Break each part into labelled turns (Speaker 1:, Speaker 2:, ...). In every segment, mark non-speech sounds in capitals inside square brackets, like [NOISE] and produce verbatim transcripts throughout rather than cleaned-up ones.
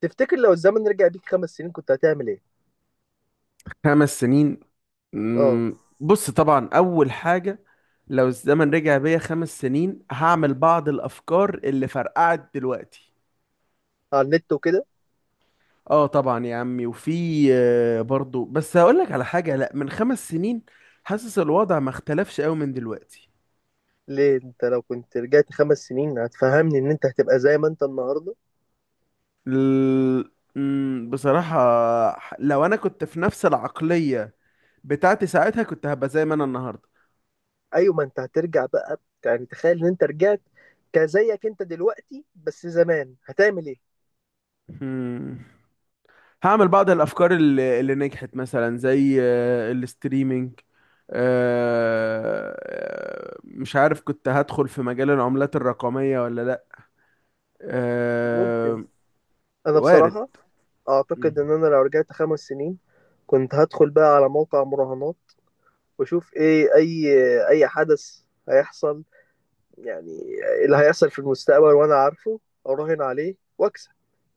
Speaker 1: تفتكر لو الزمن رجع بيك خمس سنين كنت هتعمل ايه؟
Speaker 2: خمس سنين.
Speaker 1: اه،
Speaker 2: مم، بص، طبعا اول حاجه. لو الزمن رجع بيا خمس سنين، هعمل بعض الافكار اللي فرقعت دلوقتي.
Speaker 1: على النت وكده.
Speaker 2: اه، طبعا يا عمي. وفي، آه، برضو، بس هقول لك على حاجه. لا، من خمس سنين حاسس الوضع ما اختلفش قوي من دلوقتي.
Speaker 1: ليه انت لو كنت رجعت خمس سنين هتفهمني ان انت هتبقى زي ما انت النهارده؟
Speaker 2: ال... مم، بصراحه، لو انا كنت في نفس العقليه بتاعتي ساعتها، كنت هبقى زي ما انا النهارده.
Speaker 1: ايوه ما انت هترجع بقى، يعني تخيل ان انت رجعت كزيك انت دلوقتي بس زمان هتعمل ايه؟
Speaker 2: مم. هعمل بعض الافكار اللي, اللي نجحت، مثلا زي آه، الاستريمينج. آه، مش عارف كنت هدخل في مجال العملات الرقمية ولا لا.
Speaker 1: ممكن.
Speaker 2: آه،
Speaker 1: انا
Speaker 2: وارد.
Speaker 1: بصراحه
Speaker 2: م.
Speaker 1: اعتقد ان انا لو رجعت خمس سنين كنت هدخل بقى على موقع مراهنات واشوف ايه اي اي حدث هيحصل، يعني اللي هيحصل في المستقبل وانا عارفه اراهن عليه واكسب.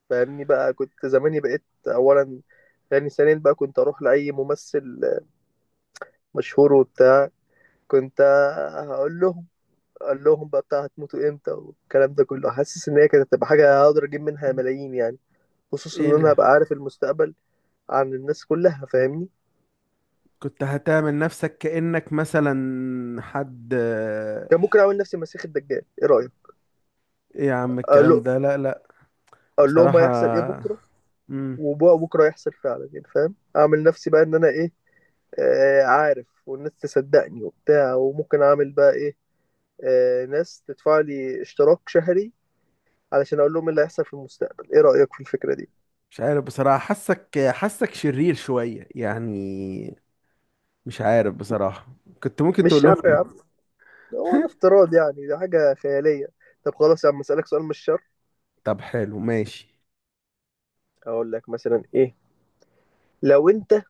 Speaker 1: فاهمني بقى، كنت زماني بقيت اولا. يعني ثانيا بقى كنت اروح لاي ممثل مشهور وبتاع، كنت هقول لهم اقول لهم بقى بتاع هتموتوا امتى والكلام ده كله، حاسس ان هي كانت هتبقى حاجه هقدر اجيب منها ملايين يعني، خصوصا ان
Speaker 2: ايه
Speaker 1: انا
Speaker 2: ده؟
Speaker 1: هبقى عارف المستقبل عن الناس كلها، فاهمني.
Speaker 2: كنت هتعمل نفسك كأنك مثلا حد آه،
Speaker 1: كان ممكن اعمل نفسي مسيح الدجال، ايه رايك؟
Speaker 2: ايه يا عم
Speaker 1: اقول
Speaker 2: الكلام
Speaker 1: له
Speaker 2: ده، لا لا.
Speaker 1: اقول لهم
Speaker 2: بصراحة.
Speaker 1: هيحصل ايه بكره،
Speaker 2: مم.
Speaker 1: وبكره هيحصل فعلا، يعني فاهم، اعمل نفسي بقى ان انا ايه، آه، عارف، والناس تصدقني وبتاع، وممكن اعمل بقى ايه، آه، ناس تدفع لي اشتراك شهري علشان اقول لهم إيه اللي هيحصل في المستقبل. ايه رأيك في الفكرة دي؟
Speaker 2: مش عارف بصراحة، حاسك حاسك شرير شوية يعني. مش عارف بصراحة. كنت ممكن
Speaker 1: مش
Speaker 2: تقول
Speaker 1: شر يا
Speaker 2: لهم.
Speaker 1: عم، ده هو ده
Speaker 2: [LAUGHS]
Speaker 1: افتراض يعني، ده حاجة خيالية. طب خلاص يا عم، اسألك سؤال مش شر.
Speaker 2: طب حلو، ماشي.
Speaker 1: اقول لك مثلا ايه، لو انت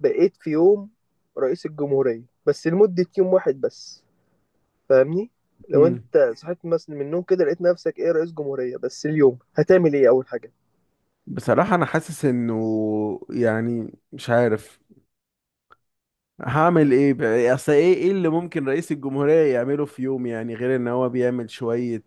Speaker 1: بقيت في يوم رئيس الجمهورية بس لمدة يوم واحد بس، فاهمني؟ لو
Speaker 2: مم.
Speaker 1: انت صحيت مثلا من النوم كده لقيت نفسك ايه رئيس جمهورية، بس اليوم هتعمل ايه اول حاجة؟
Speaker 2: بصراحة أنا حاسس إنه، يعني، مش عارف هعمل إيه بقى؟ أصل إيه إيه اللي ممكن رئيس الجمهورية يعمله في يوم، يعني غير إن هو بيعمل شوية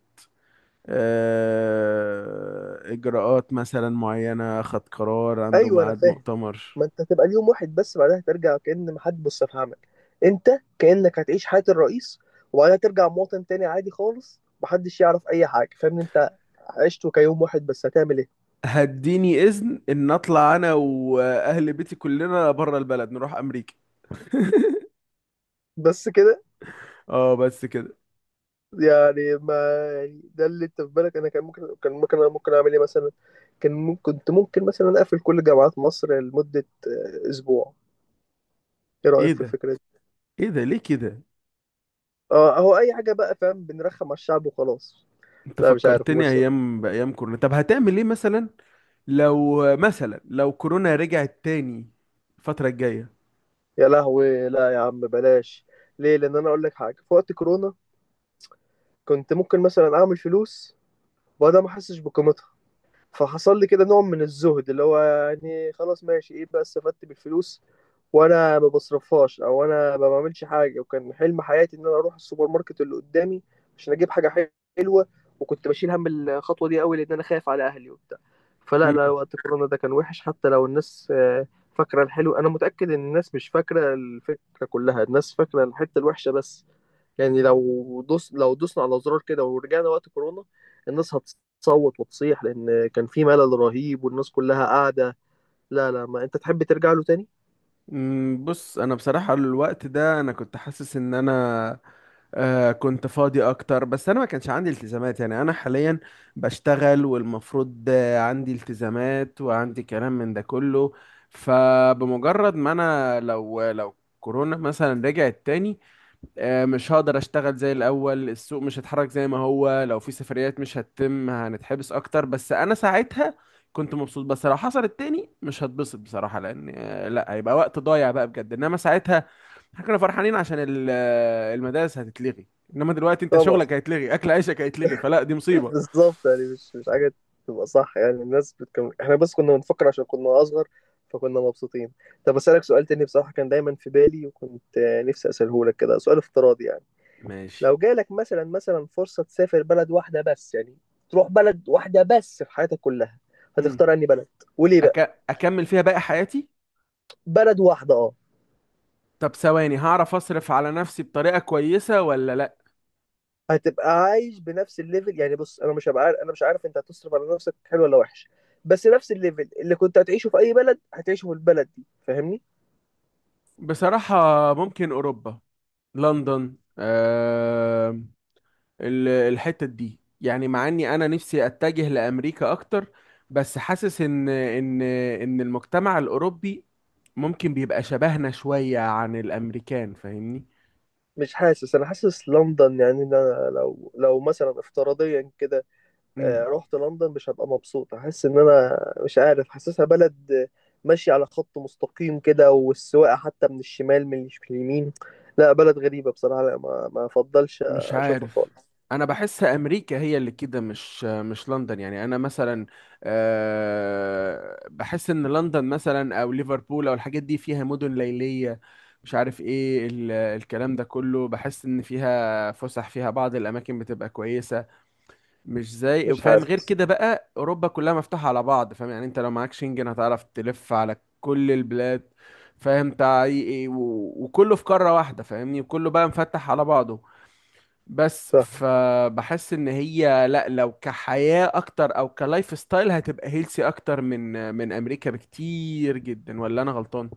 Speaker 2: آه إجراءات مثلا معينة، خد قرار، عنده
Speaker 1: ايوه انا
Speaker 2: ميعاد
Speaker 1: فاهم.
Speaker 2: مؤتمر.
Speaker 1: ما انت هتبقى اليوم واحد بس، بعدها ترجع كأن ما حد بص في عمك. انت كأنك هتعيش حياة الرئيس وبعدها ترجع مواطن تاني عادي خالص، محدش يعرف اي حاجة، فاهم انت، عشته كيوم واحد بس، هتعمل ايه؟
Speaker 2: هديني إذن إن أطلع أنا وأهل بيتي كلنا بره البلد نروح أمريكا. [LAUGHS]
Speaker 1: بس كده؟
Speaker 2: آه، بس كده.
Speaker 1: يعني ما، يعني ده اللي انت في بالك؟ انا كان ممكن كان ممكن انا ممكن اعمل ايه مثلا؟ كان ممكن كنت ممكن مثلا اقفل كل جامعات مصر لمدة آه، اسبوع، ايه
Speaker 2: إيه
Speaker 1: رأيك في
Speaker 2: ده؟
Speaker 1: الفكرة دي؟
Speaker 2: إيه ده ليه كده؟
Speaker 1: اه اهو، اي حاجة بقى، فاهم؟ بنرخم على الشعب وخلاص.
Speaker 2: انت
Speaker 1: لا مش عارف
Speaker 2: فكرتني
Speaker 1: مش
Speaker 2: ايام بايام كورونا. طب هتعمل ايه مثلا لو مثلا لو كورونا رجعت تاني الفترة الجاية؟
Speaker 1: يا لهوي، لا يا عم بلاش. ليه؟ لان انا اقول لك حاجه، في وقت كورونا كنت ممكن مثلا اعمل فلوس وانا ما احسش بقيمتها، فحصل لي كده نوع من الزهد اللي هو يعني خلاص ماشي، ايه بقى استفدت بالفلوس وانا ما بصرفهاش، او انا ما بعملش حاجه؟ وكان حلم حياتي ان انا اروح السوبر ماركت اللي قدامي عشان اجيب حاجه حلوه، وكنت بشيل هم الخطوه دي قوي لان انا خايف على اهلي وبتاع. فلا لا،
Speaker 2: مم.
Speaker 1: وقت كورونا ده كان وحش، حتى لو الناس آه، فاكره الحلو. انا متاكد ان الناس مش فاكره الفكره كلها، الناس فاكره الحته الوحشه بس. يعني لو دوس لو دوسنا على زرار كده ورجعنا وقت كورونا، الناس هتصوت وتصيح لان كان في ملل رهيب والناس كلها قاعده. لا لا، ما انت تحب ترجع له تاني؟
Speaker 2: مم، بص، انا بصراحة الوقت ده انا كنت حاسس ان انا آه كنت فاضي اكتر، بس انا ما كانش عندي التزامات. يعني انا حاليا بشتغل والمفروض، آه، عندي التزامات وعندي كلام من ده كله. فبمجرد ما انا، لو لو كورونا مثلا رجعت تاني، آه، مش هقدر اشتغل زي الاول، السوق مش هيتحرك زي ما هو، لو في سفريات مش هتتم، هنتحبس اكتر. بس انا ساعتها كنت مبسوط، بس لو حصلت تاني مش هتبسط بصراحة، لان آه، لا، هيبقى وقت ضايع بقى بجد. انما ساعتها احنا كنا فرحانين عشان ال- آه، المدارس هتتلغي، انما دلوقتي انت
Speaker 1: طبعا.
Speaker 2: شغلك هيتلغي، اكل عيشك هيتلغي، فلا، دي
Speaker 1: [LAUGHS]
Speaker 2: مصيبة.
Speaker 1: بالظبط، يعني مش مش حاجه تبقى صح، يعني الناس بتكمل، احنا بس كنا بنفكر عشان كنا اصغر، فكنا مبسوطين. طب اسالك سؤال تاني، بصراحه كان دايما في بالي وكنت آه، نفسي اساله لك، كده سؤال افتراضي يعني.
Speaker 2: ماشي.
Speaker 1: لو جالك مثلا، مثلا فرصه تسافر بلد واحده بس، يعني تروح بلد واحده بس في حياتك كلها،
Speaker 2: امم.
Speaker 1: هتختار انهي بلد وليه بقى؟
Speaker 2: أك... اكمل فيها باقي حياتي.
Speaker 1: بلد واحده، اه.
Speaker 2: طب ثواني، هعرف اصرف على نفسي بطريقة كويسة ولا لا؟
Speaker 1: هتبقى عايش بنفس الليفل، يعني بص انا مش هبقى عارف، انا مش عارف انت هتصرف على نفسك حلو ولا وحش، بس نفس الليفل اللي كنت هتعيشه في اي بلد هتعيشه في البلد دي، فاهمني؟
Speaker 2: بصراحة، ممكن اوروبا، لندن. آه الحتة دي، يعني مع اني انا نفسي اتجه لامريكا اكتر، بس حاسس ان ان ان المجتمع الاوروبي ممكن بيبقى شبهنا شوية عن الامريكان، فاهمني؟
Speaker 1: مش حاسس، انا حاسس لندن، يعني ان انا لو لو مثلا افتراضيا كده آه،
Speaker 2: مم.
Speaker 1: رحت لندن مش هبقى مبسوط، احس ان انا مش عارف، حاسسها بلد آه، ماشيه على خط مستقيم كده، والسواقه حتى من الشمال، من مش من اليمين. لا بلد غريبه بصراحه، لا ما ما افضلش
Speaker 2: مش
Speaker 1: اشوفها
Speaker 2: عارف،
Speaker 1: خالص.
Speaker 2: انا بحس امريكا هي اللي كده، مش مش لندن. يعني انا مثلا آه، بحس ان لندن مثلا او ليفربول او الحاجات دي فيها مدن ليلية، مش عارف ايه ال- الكلام ده كله، بحس ان فيها فسح، فيها بعض الاماكن بتبقى كويسة، مش زي،
Speaker 1: مش
Speaker 2: فاهم، غير
Speaker 1: عارف.
Speaker 2: كده بقى اوروبا كلها مفتوحة على بعض، فاهم يعني انت لو معاك شنجن هتعرف تلف على كل البلاد، فاهم، تع- إيه- و- وكله في قارة واحدة، فاهمني، وكله بقى مفتح على بعضه. بس فبحس ان هي، لا، لو كحياة اكتر او كلايف ستايل هتبقى هيلسي اكتر من من امريكا بكتير جدا، ولا انا غلطان؟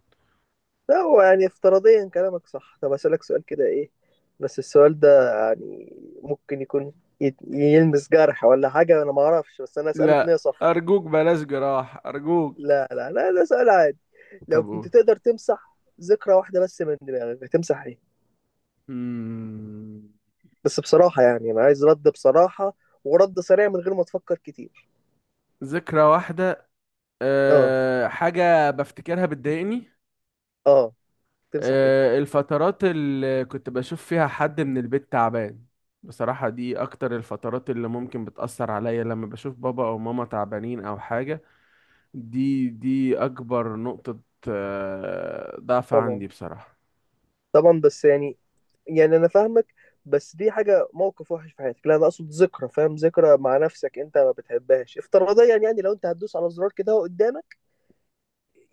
Speaker 1: لا هو يعني افتراضيا كلامك صح. طب أسألك سؤال كده، إيه بس السؤال ده يعني ممكن يكون يت- يلمس جرح ولا حاجة، أنا ما أعرفش بس أنا أسأله بنية
Speaker 2: لا
Speaker 1: صح.
Speaker 2: ارجوك، بلاش جراح، ارجوك.
Speaker 1: لا لا لا، ده سؤال عادي. لو
Speaker 2: طب
Speaker 1: كنت
Speaker 2: قول.
Speaker 1: تقدر تمسح ذكرى واحدة بس من دماغك هتمسح إيه؟
Speaker 2: مم،
Speaker 1: بس بصراحة يعني أنا عايز رد بصراحة، ورد سريع من غير ما تفكر كتير.
Speaker 2: ذكرى واحدة.
Speaker 1: آه.
Speaker 2: أه، حاجة بفتكرها بتضايقني.
Speaker 1: آه، تمسح إيه؟
Speaker 2: أه، الفترات اللي كنت بشوف فيها حد من البيت تعبان. بصراحة، دي اكتر الفترات اللي ممكن بتأثر عليا، لما بشوف بابا او ماما تعبانين او حاجة. دي دي اكبر نقطة، آه، ضعف
Speaker 1: طبعا،
Speaker 2: عندي بصراحة.
Speaker 1: طبعًا، بس يعني، يعني أنا فاهمك، بس دي حاجة موقِف وِحِش في حياتك، لأ أنا أقصد ذكرى، فاهم؟ ذكرى مع نَفْسك أنت ما بتحبهاش، افتراضيًا يعني، يعني لو أنت هتدوس على زرار كده أهو قدّامك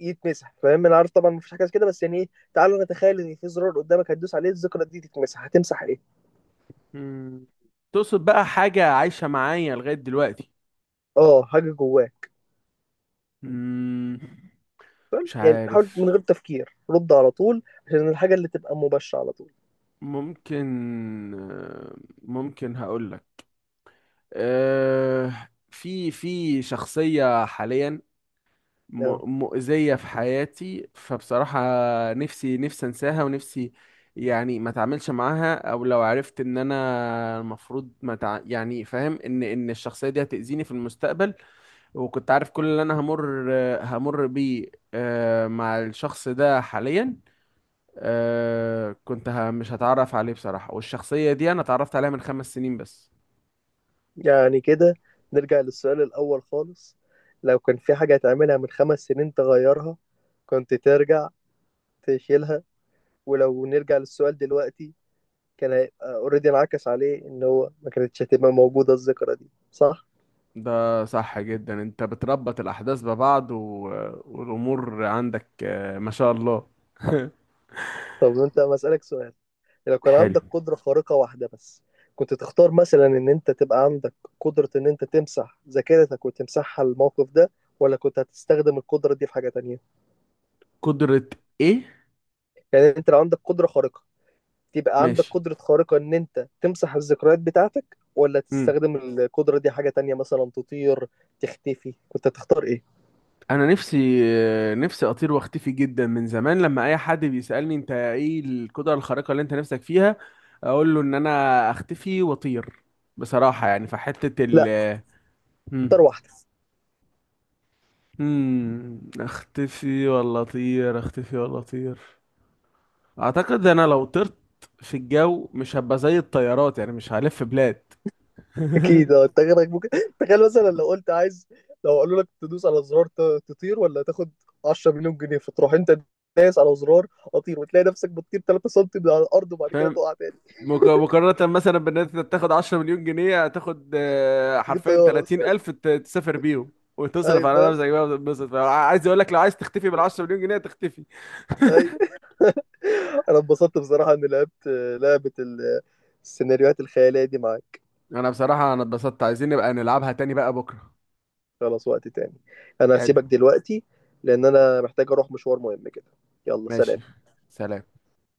Speaker 1: يتمسح، فاهم؟ أنا عارف طبعًا ما فيش حاجة زي كده، بس يعني إيه، تعالَ نتخيّل إن في زرار قدّامك هتدوس عليه الذكرى دي تتمسح، هتمسح إيه؟
Speaker 2: مم. تقصد بقى حاجة عايشة معايا لغاية دلوقتي؟
Speaker 1: آه، حاجة جوّاك،
Speaker 2: مم. مش
Speaker 1: يعني حاول
Speaker 2: عارف.
Speaker 1: من غير تفكير، رُد على طول، عشان الحاجة اللي تبقى مباشرة على طول.
Speaker 2: ممكن آه، ممكن هقولك. آه، في في شخصية حاليا
Speaker 1: آه،
Speaker 2: م- مؤذية في حياتي، فبصراحة نفسي، نفسي انساها، ونفسي يعني ما اتعاملش معاها، او لو عرفت ان انا المفروض، ما تع... يعني فاهم ان ان الشخصية دي هتأذيني في المستقبل، وكنت عارف كل اللي انا همر همر بيه آه، مع الشخص ده حاليا، آه، كنت ه- مش هتعرف عليه بصراحة. والشخصية دي انا اتعرفت عليها من خمس سنين بس.
Speaker 1: يعني كده نرجع للسؤال الأول خالص، لو كان في حاجة هتعملها من 5 سنين تغيّرها كنت ترجع تشيلها. ولو نرجع للسؤال دلوقتي، كان هيبقى اوريدي انعكس عليه ان هو ما كانتش هتبقى موجودة الذكرى دي، صح؟
Speaker 2: ده صح جدا، انت بتربط الاحداث ببعض و... والامور عندك، آه، ما شاء الله. [LAUGHS]
Speaker 1: طب انت مسألك سؤال، لو كان
Speaker 2: حلو.
Speaker 1: عندك قدرة خارقة واحدة بس كنت تختار مثلا ان انت تبقى عندك قدرة ان انت تمسح ذاكرتك وتمسحها الموقف ده، ولا كنت هتستخدم القدرة دي في حاجة تانية؟
Speaker 2: قدرة؟ ايه؟
Speaker 1: يعني انت لو عندك قدرة خارقة، تبقى عندك
Speaker 2: ماشي.
Speaker 1: قدرة خارقة ان انت تمسح الذكريات بتاعتك، ولا
Speaker 2: مم.
Speaker 1: تستخدم القدرة دي حاجة تانية مثلا تطير تختفي، كنت هتختار ايه؟
Speaker 2: انا نفسي، آه، نفسي اطير واختفي جدا من زمان. لما اي حد بيسألني انت ايه القدرة الخارقة اللي انت نفسك فيها، اقول له ان انا اختفي واطير. بصراحة يعني في حتة ال
Speaker 1: لا،
Speaker 2: آه،
Speaker 1: اكتر
Speaker 2: مم.
Speaker 1: واحده.
Speaker 2: مم. اختفي ولا اطير؟ اختفي ولا اطير؟ اعتقد انا لو طرت في الجو، مش هبقى زي الطيارات، يعني مش هلف بلاد.
Speaker 1: [LAUGHS] اكيد،
Speaker 2: [LAUGHS]
Speaker 1: آه، انت غيرك ممكن. [LAUGHS] تخيل مثلا لو قلت عايز، لو قالوا لك تدوس على زرار ت- تطير ولا تاخد عشرة ملايين جنيه مليون جنيه، فتروح انت دايس على زرار اطير وتلاقي نفسك بتطير ثلاثة سنتيمتر سم من على الارض وبعد كده
Speaker 2: فاهم،
Speaker 1: تقع تاني.
Speaker 2: مك- مقارنة مثلا بان انت تاخد عشر مليون جنيه، هتاخد آه،
Speaker 1: [LAUGHS] تجيب
Speaker 2: حرفيا
Speaker 1: طياره بس.
Speaker 2: تلاتين الف ت- تسافر بيهم
Speaker 1: اي
Speaker 2: وتصرف على
Speaker 1: فاهم،
Speaker 2: نفسك بقى وتتبسط. عايز اقول لك، لو عايز تختفي بال عشر مليون جنيه تختفي.
Speaker 1: اي. [LAUGHS] انا اتبسطت بصراحه اني لعبت آه، لعبه ال- السيناريوهات الخياليه دي معاك.
Speaker 2: انا بصراحة انا اتبسطت، عايزين نبقى نلعبها تاني بقى بكرة.
Speaker 1: خلاص، وقت تاني، انا
Speaker 2: حلو.
Speaker 1: هسيبك دلوقتي لان انا محتاج اروح مشوار مهم كده. يلا
Speaker 2: ماشي،
Speaker 1: سلام.
Speaker 2: سلام.